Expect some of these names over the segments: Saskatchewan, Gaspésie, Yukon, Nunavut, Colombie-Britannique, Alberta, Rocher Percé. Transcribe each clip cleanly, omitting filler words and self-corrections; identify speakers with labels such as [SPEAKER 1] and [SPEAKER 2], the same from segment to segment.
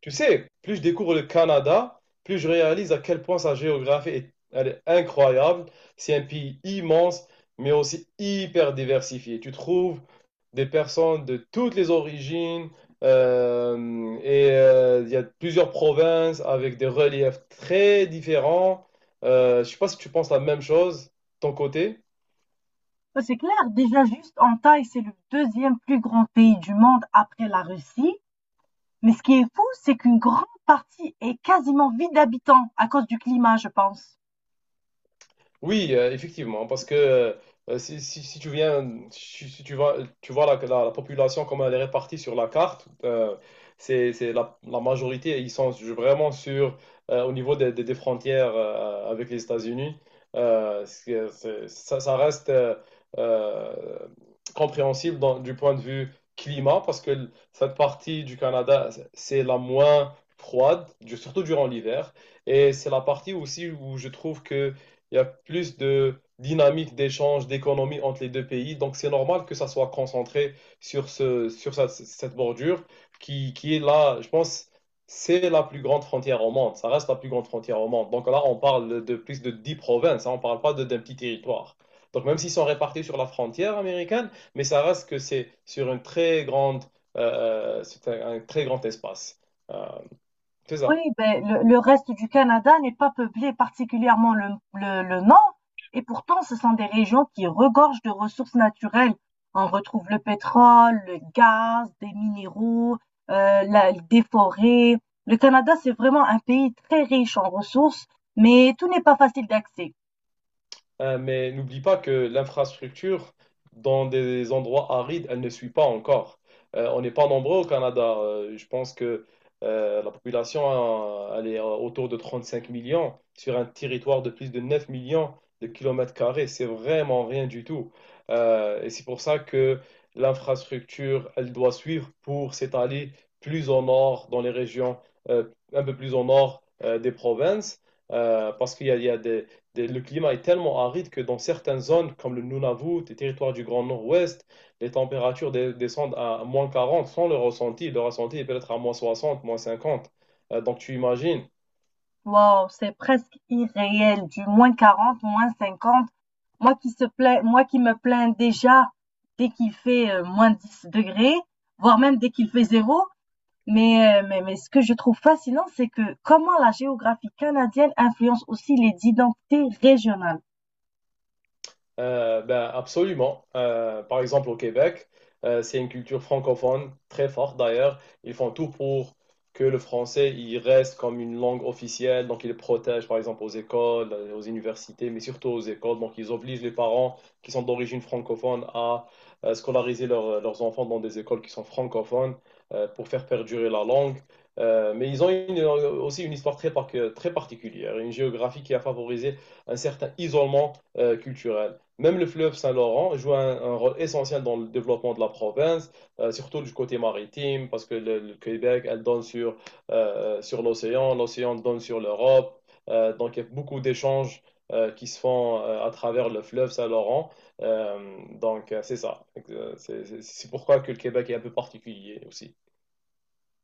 [SPEAKER 1] Tu sais, plus je découvre le Canada, plus je réalise à quel point sa géographie elle est incroyable. C'est un pays immense, mais aussi hyper diversifié. Tu trouves des personnes de toutes les origines euh, et il y a plusieurs provinces avec des reliefs très différents. Je sais pas si tu penses la même chose, ton côté.
[SPEAKER 2] C'est clair, déjà juste en taille, c'est le deuxième plus grand pays du monde après la Russie. Mais ce qui est fou, c'est qu'une grande partie est quasiment vide d'habitants à cause du climat, je pense.
[SPEAKER 1] Oui, effectivement, parce que si tu viens, si tu vois, tu vois la population, comment elle est répartie sur la carte, c'est la majorité, ils sont vraiment sur au niveau des frontières avec les États-Unis. Ça reste euh, compréhensible dans- du point de vue climat, parce que cette partie du Canada, c'est la moins froide, du- surtout durant l'hiver. Et c'est la partie aussi où je trouve que il y a plus de dynamique d'échange, d'économie entre les deux pays. Donc, c'est normal que ça soit concentré sur cette bordure qui est là, je pense, c'est la plus grande frontière au monde. Ça reste la plus grande frontière au monde. Donc là, on parle de plus de 10 provinces, hein, on ne parle pas de- d'un petit territoire. Donc, même s'ils sont répartis sur la frontière américaine, mais ça reste que c'est sur une très grande, c'est un très grand espace. Euh, c'est
[SPEAKER 2] Oui,
[SPEAKER 1] ça.
[SPEAKER 2] ben, le reste du Canada n'est pas peuplé, particulièrement le nord, et pourtant ce sont des régions qui regorgent de ressources naturelles. On retrouve le pétrole, le gaz, des minéraux, des forêts. Le Canada, c'est vraiment un pays très riche en ressources, mais tout n'est pas facile d'accès.
[SPEAKER 1] Mais n'oublie pas que l'infrastructure dans des endroits arides, elle ne suit pas encore. On n'est pas nombreux au Canada. Je pense que la population, elle est autour de 35 millions sur un territoire de plus de 9 millions de kilomètres carrés. C'est vraiment rien du tout. Et c'est pour ça que l'infrastructure, elle doit suivre pour s'étaler plus au nord, dans les régions euh, un peu plus au nord des provinces, parce qu'il y a le climat est tellement aride que dans certaines zones, comme le Nunavut, les territoires du Grand Nord-Ouest, les températures dé- descendent à -40 sans le ressenti. Le ressenti est peut-être à -60, -50. Donc tu imagines.
[SPEAKER 2] Wow, c'est presque irréel, du moins 40, moins 50. Moi qui se plains, moi qui me plains déjà dès qu'il fait moins 10 degrés, voire même dès qu'il fait zéro. Mais, ce que je trouve fascinant, c'est que comment la géographie canadienne influence aussi les identités régionales.
[SPEAKER 1] Ben, absolument. Par exemple, au Québec, c'est une culture francophone très forte d'ailleurs. Ils font tout pour que le français il reste comme une langue officielle. Donc, ils le protègent par exemple aux écoles, aux universités, mais surtout aux écoles. Donc, ils obligent les parents qui sont d'origine francophone à scolariser leurs enfants dans des écoles qui sont francophones pour faire perdurer la langue. Mais ils ont une- aussi une histoire très particulière, une géographie qui a favorisé un certain isolement culturel. Même le fleuve Saint-Laurent joue un rôle essentiel dans le développement de la province, surtout du côté maritime, parce que le Québec, elle donne sur, sur l'océan, l'océan donne sur l'Europe. Donc, il y a beaucoup d'échanges qui se font à travers le fleuve Saint-Laurent. Euh, c'est ça. Euh, c'est pourquoi que le Québec est un peu particulier aussi.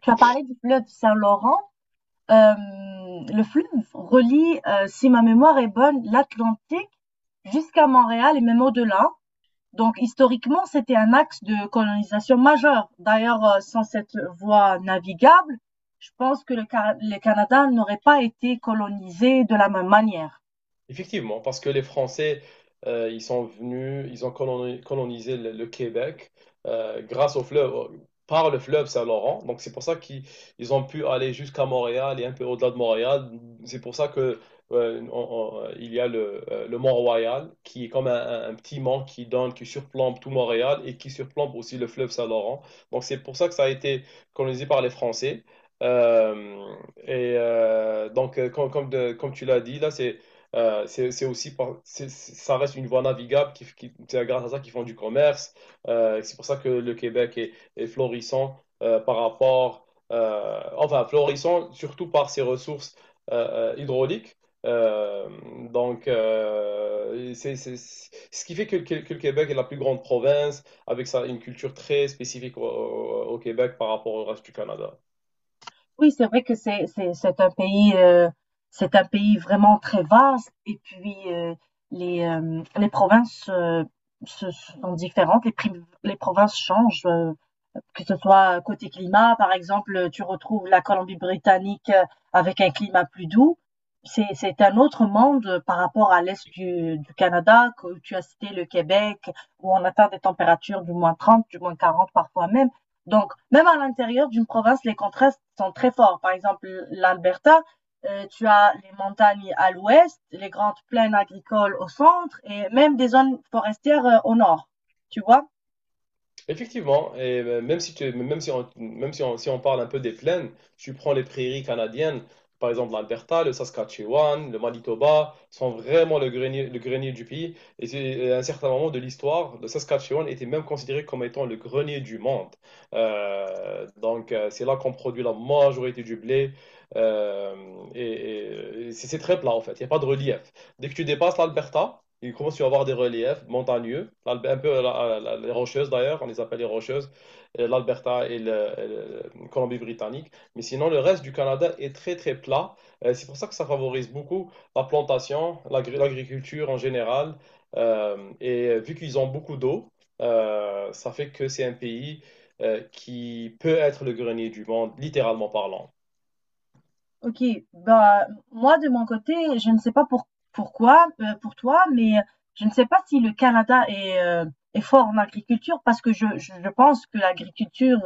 [SPEAKER 2] Tu as parlé du fleuve Saint-Laurent. Euh, le fleuve relie, si ma mémoire est bonne, l'Atlantique jusqu'à Montréal et même au-delà. Donc historiquement, c'était un axe de colonisation majeur. D'ailleurs, sans cette voie navigable, je pense que le Canada n'aurait pas été colonisé de la même manière.
[SPEAKER 1] Effectivement, parce que les Français, ils sont venus, ils ont coloni- colonisé le Québec grâce au fleuve, au- par le fleuve Saint-Laurent. Donc c'est pour ça qu'ils ils ont pu aller jusqu'à Montréal et un peu au-delà de Montréal. C'est pour ça que il y a le Mont-Royal qui est comme un petit mont qui donne, qui surplombe tout Montréal et qui surplombe aussi le fleuve Saint-Laurent. Donc c'est pour ça que ça a été colonisé par les Français. Euh, Comme tu l'as dit là, c'est c'est aussi, ça reste une voie navigable c'est grâce à ça qu'ils font du commerce. C'est pour ça que le Québec est florissant euh, par rapport, enfin florissant surtout par ses ressources hydrauliques. Euh, Ce qui fait que le Québec est la plus grande province avec sa, une culture très spécifique au Québec par rapport au reste du Canada.
[SPEAKER 2] Oui, c'est vrai que c'est un pays c'est un pays vraiment très vaste et puis les provinces sont différentes, les provinces changent que ce soit côté climat, par exemple, tu retrouves la Colombie-Britannique avec un climat plus doux. C'est un autre monde par rapport à l'est du Canada, que tu as cité le Québec, où on atteint des températures du moins 30, du moins 40 parfois même. Donc, même à l'intérieur d'une province, les contrastes sont très forts. Par exemple, l'Alberta, tu as les montagnes à l'ouest, les grandes plaines agricoles au centre et même des zones forestières au nord. Tu vois?
[SPEAKER 1] Effectivement, et même si tu, même si on, si on parle un peu des plaines, tu prends les prairies canadiennes, par exemple l'Alberta, le Saskatchewan, le Manitoba, sont vraiment le grenier du pays. À un certain moment de l'histoire, le Saskatchewan était même considéré comme étant le grenier du monde. C'est là qu'on produit la majorité du blé. Euh, et et c'est très plat en fait, il n'y a pas de relief. Dès que tu dépasses l'Alberta, il commence à y avoir des reliefs montagneux, un peu les rocheuses d'ailleurs, on les appelle les rocheuses, l'Alberta et le- Colombie-Britannique. Mais sinon, le reste du Canada est très plat. C'est pour ça que ça favorise beaucoup la plantation, l'agriculture en général. Et vu qu'ils ont beaucoup d'eau, ça fait que c'est un pays qui peut être le grenier du monde, littéralement parlant.
[SPEAKER 2] OK, bah, moi de mon côté, je ne sais pas pourquoi, pour toi, mais je ne sais pas si le Canada est fort en agriculture parce que je pense que l'agriculture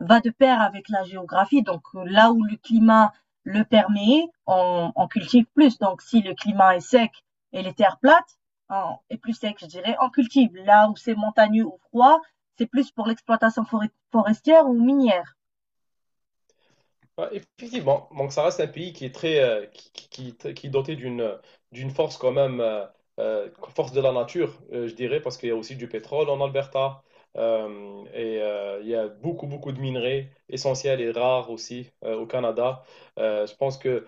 [SPEAKER 2] va de pair avec la géographie. Donc là où le climat le permet, on cultive plus. Donc si le climat est sec et les terres plates, on et plus sec, je dirais, on cultive. Là où c'est montagneux ou froid, c'est plus pour l'exploitation foré forestière ou minière.
[SPEAKER 1] Ouais, effectivement, donc ça reste un pays qui est très, qui est doté d'une d'une force quand même, euh, force de la nature, je dirais, parce qu'il y a aussi du pétrole en Alberta. Il y a beaucoup de minerais essentiels et rares aussi au Canada. Je pense que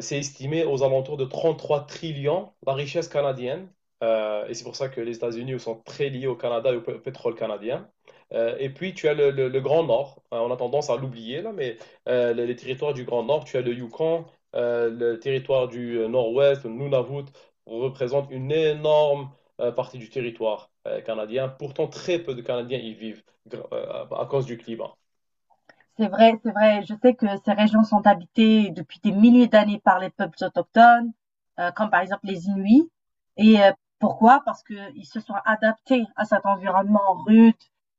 [SPEAKER 1] c'est estimé aux alentours de 33 trillions la richesse canadienne. Et c'est pour ça que les États-Unis sont très liés au Canada et au pétrole canadien. Et puis, tu as le Grand Nord. On a tendance à l'oublier, là, mais les territoires du Grand Nord, tu as le Yukon, le territoire du Nord-Ouest, le Nunavut, représente une énorme partie du territoire canadien. Pourtant, très peu de Canadiens y vivent euh, à cause du climat.
[SPEAKER 2] C'est vrai, c'est vrai. Je sais que ces régions sont habitées depuis des milliers d'années par les peuples autochtones, comme par exemple les Inuits. Et pourquoi? Parce qu'ils se sont adaptés à cet environnement rude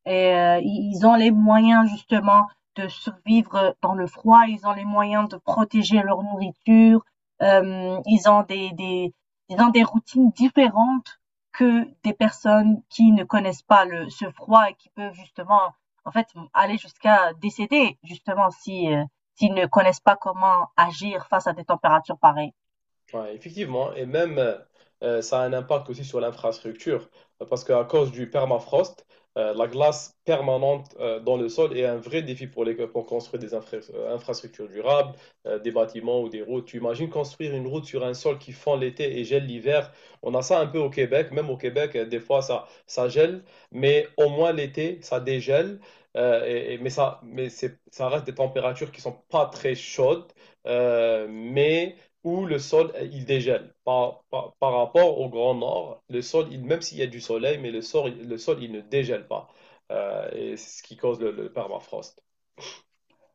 [SPEAKER 2] et ils ont les moyens justement de survivre dans le froid, ils ont les moyens de protéger leur nourriture, ils ont des routines différentes que des personnes qui ne connaissent pas ce froid et qui peuvent justement en fait, aller jusqu'à décéder, justement, si, s'ils ne connaissent pas comment agir face à des températures pareilles.
[SPEAKER 1] Ouais, effectivement, et même ça a un impact aussi sur l'infrastructure, parce qu'à cause du permafrost, la glace permanente dans le sol est un vrai défi pour construire des infrastructures durables, des bâtiments ou des routes. Tu imagines construire une route sur un sol qui fond l'été et gèle l'hiver. On a ça un peu au Québec, même au Québec, des fois ça gèle, mais au moins l'été, ça dégèle, ça reste des températures qui sont pas très chaudes, mais où le sol, il dégèle. Par rapport au Grand Nord, même s'il y a du soleil, mais le sol il ne dégèle pas. Et c'est ce qui cause le permafrost.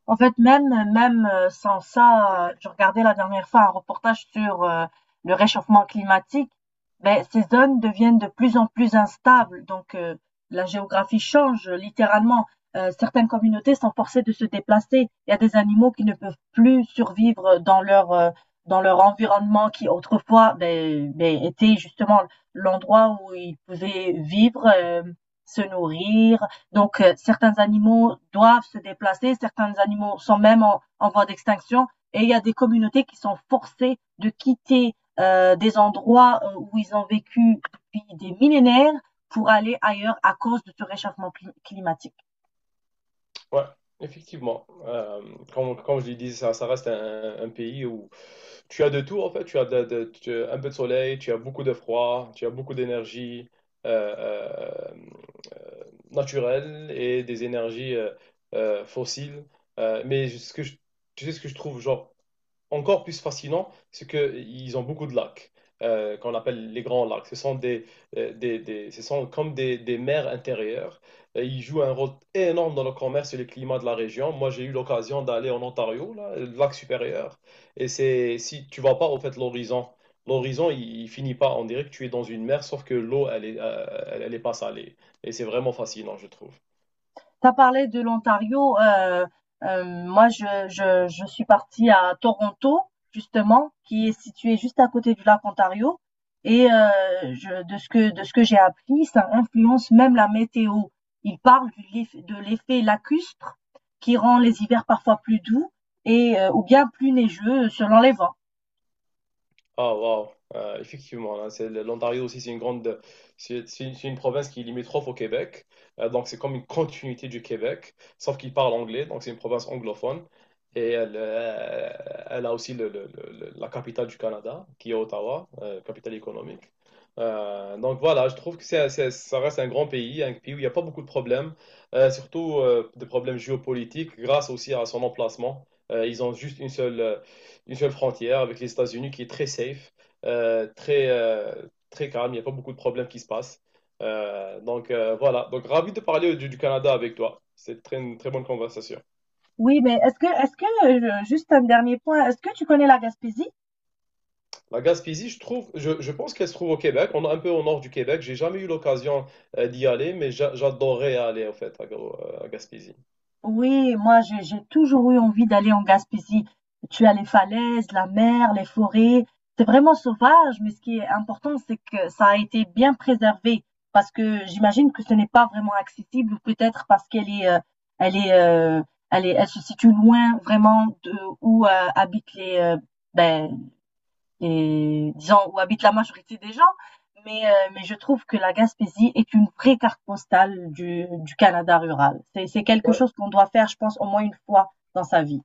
[SPEAKER 2] En fait, même, sans ça, je regardais la dernière fois un reportage sur, le réchauffement climatique. Beh, ces zones deviennent de plus en plus instables, donc la géographie change, littéralement. Certaines communautés sont forcées de se déplacer. Il y a des animaux qui ne peuvent plus survivre, dans leur environnement qui autrefois, beh, était justement l'endroit où ils pouvaient vivre, se nourrir donc, certains animaux doivent se déplacer, certains animaux sont même en voie d'extinction, et il y a des communautés qui sont forcées de quitter des endroits où ils ont vécu depuis des millénaires pour aller ailleurs à cause de ce réchauffement climatique.
[SPEAKER 1] Ouais, effectivement. Comme je l'ai dit, ça reste un pays où tu as de tout, en fait. Tu as tu as un peu de soleil, tu as beaucoup de froid, tu as beaucoup d'énergie euh, euh, euh, naturelle et des énergies fossiles. Euh, mais ce que je, Tu sais ce que je trouve, genre, encore plus fascinant, c'est qu'ils ont beaucoup de lacs, qu'on appelle les grands lacs. Ce sont, ce sont comme des mers intérieures. Et ils jouent un rôle énorme dans le commerce et le climat de la région. Moi, j'ai eu l'occasion d'aller en Ontario, là, le lac supérieur. Et c'est si tu ne vois pas, au fait, l'horizon. Il finit pas. On dirait que tu es dans une mer, sauf que l'eau, elle est pas salée. Et c'est vraiment fascinant, je trouve.
[SPEAKER 2] T'as parlé de l'Ontario. Moi, je suis partie à Toronto, justement, qui est situé juste à côté du lac Ontario. Et je, de ce que j'ai appris, ça influence même la météo. Il parle de l'effet lacustre qui rend les hivers parfois plus doux et ou bien plus neigeux selon les vents.
[SPEAKER 1] Ah, waouh, effectivement, hein, l'Ontario aussi, c'est une grande, c'est une province qui est limitrophe au Québec. Donc c'est comme une continuité du Québec, sauf qu'il parle anglais, donc c'est une province anglophone, et elle a aussi la capitale du Canada, qui est Ottawa, capitale économique. Donc voilà, je trouve que ça reste un grand pays, un pays où il n'y a pas beaucoup de problèmes, surtout des problèmes géopolitiques, grâce aussi à son emplacement. Ils ont juste une seule frontière avec les États-Unis qui est très safe, euh, très, euh, très calme. Il n'y a pas beaucoup de problèmes qui se passent. Voilà, donc ravi de parler du Canada avec toi. C'est une très bonne conversation.
[SPEAKER 2] Oui, mais est-ce que, juste un dernier point, est-ce que tu connais la Gaspésie?
[SPEAKER 1] La Gaspésie, je pense qu'elle se trouve au Québec, on est un peu au nord du Québec. J'ai jamais eu l'occasion d'y aller, mais j'adorerais aller en fait à Gaspésie.
[SPEAKER 2] Oui, moi j'ai toujours eu envie d'aller en Gaspésie. Tu as les falaises, la mer, les forêts. C'est vraiment sauvage, mais ce qui est important, c'est que ça a été bien préservé. Parce que j'imagine que ce n'est pas vraiment accessible, ou peut-être parce qu'elle est, euh, elle se situe loin vraiment de où habitent les, ben, et disons où habite la majorité des gens. Mais, je trouve que la Gaspésie est une vraie carte postale du Canada rural. C'est quelque
[SPEAKER 1] Ouais,
[SPEAKER 2] chose qu'on doit faire, je pense, au moins une fois dans sa vie.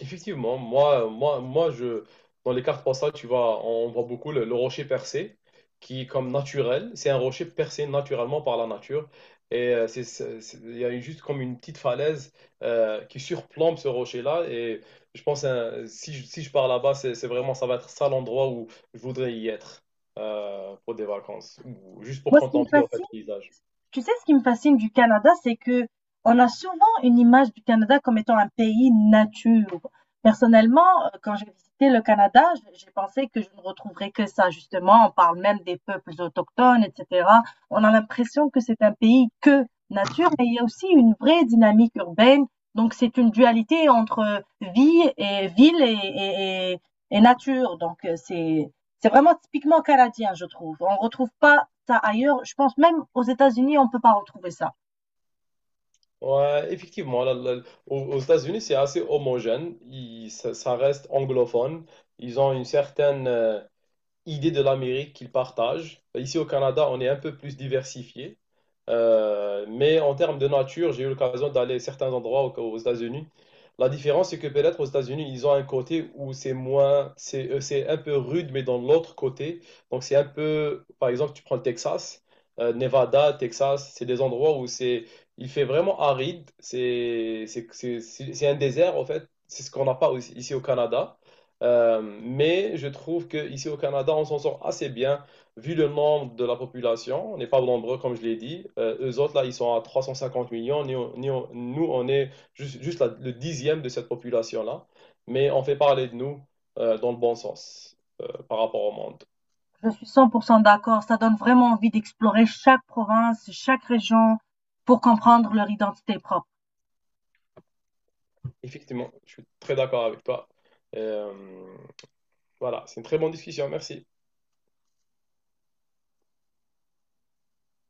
[SPEAKER 1] effectivement, dans les cartes postales, tu vois, on voit beaucoup le rocher percé, qui est comme naturel. C'est un rocher percé naturellement par la nature. Et il y a juste comme une petite falaise qui surplombe ce rocher-là. Et je pense, hein, si je pars là-bas, c'est vraiment, ça va être ça l'endroit où je voudrais y être pour des vacances, ou juste pour
[SPEAKER 2] Moi, ce qui me
[SPEAKER 1] contempler en fait
[SPEAKER 2] fascine,
[SPEAKER 1] le paysage.
[SPEAKER 2] Tu sais, ce qui me fascine du Canada, c'est que on a souvent une image du Canada comme étant un pays nature. Personnellement, quand j'ai visité le Canada, j'ai pensé que je ne retrouverais que ça, justement. On parle même des peuples autochtones, etc. On a l'impression que c'est un pays que nature, mais il y a aussi une vraie dynamique urbaine. Donc, c'est une dualité entre vie et ville et nature. Donc, c'est vraiment typiquement canadien, je trouve. On ne retrouve pas ça ailleurs. Je pense même aux États-Unis, on ne peut pas retrouver ça.
[SPEAKER 1] Ouais, effectivement, aux États-Unis, c'est assez homogène. Ça reste anglophone. Ils ont une certaine, idée de l'Amérique qu'ils partagent. Ici au Canada, on est un peu plus diversifié. Mais en termes de nature, j'ai eu l'occasion d'aller à certains endroits aux États-Unis. La différence, c'est que peut-être aux États-Unis, ils ont un côté où c'est un peu rude, mais dans l'autre côté. Donc c'est un peu, par exemple, tu prends le Texas, Nevada, Texas, c'est des endroits où il fait vraiment aride. C'est un désert, en fait. C'est ce qu'on n'a pas aussi- ici au Canada. Mais je trouve qu'ici au Canada, on s'en sort assez bien vu le nombre de la population. On n'est pas nombreux, comme je l'ai dit. Eux autres, là, ils sont à 350 millions. Nous, on est juste le dixième de cette population-là. Mais on fait parler de nous dans le bon sens par rapport au monde.
[SPEAKER 2] Je suis 100% d'accord. Ça donne vraiment envie d'explorer chaque province, chaque région pour comprendre leur identité propre.
[SPEAKER 1] Effectivement, je suis très d'accord avec toi. Euh, voilà, c'est une très bonne discussion. Merci.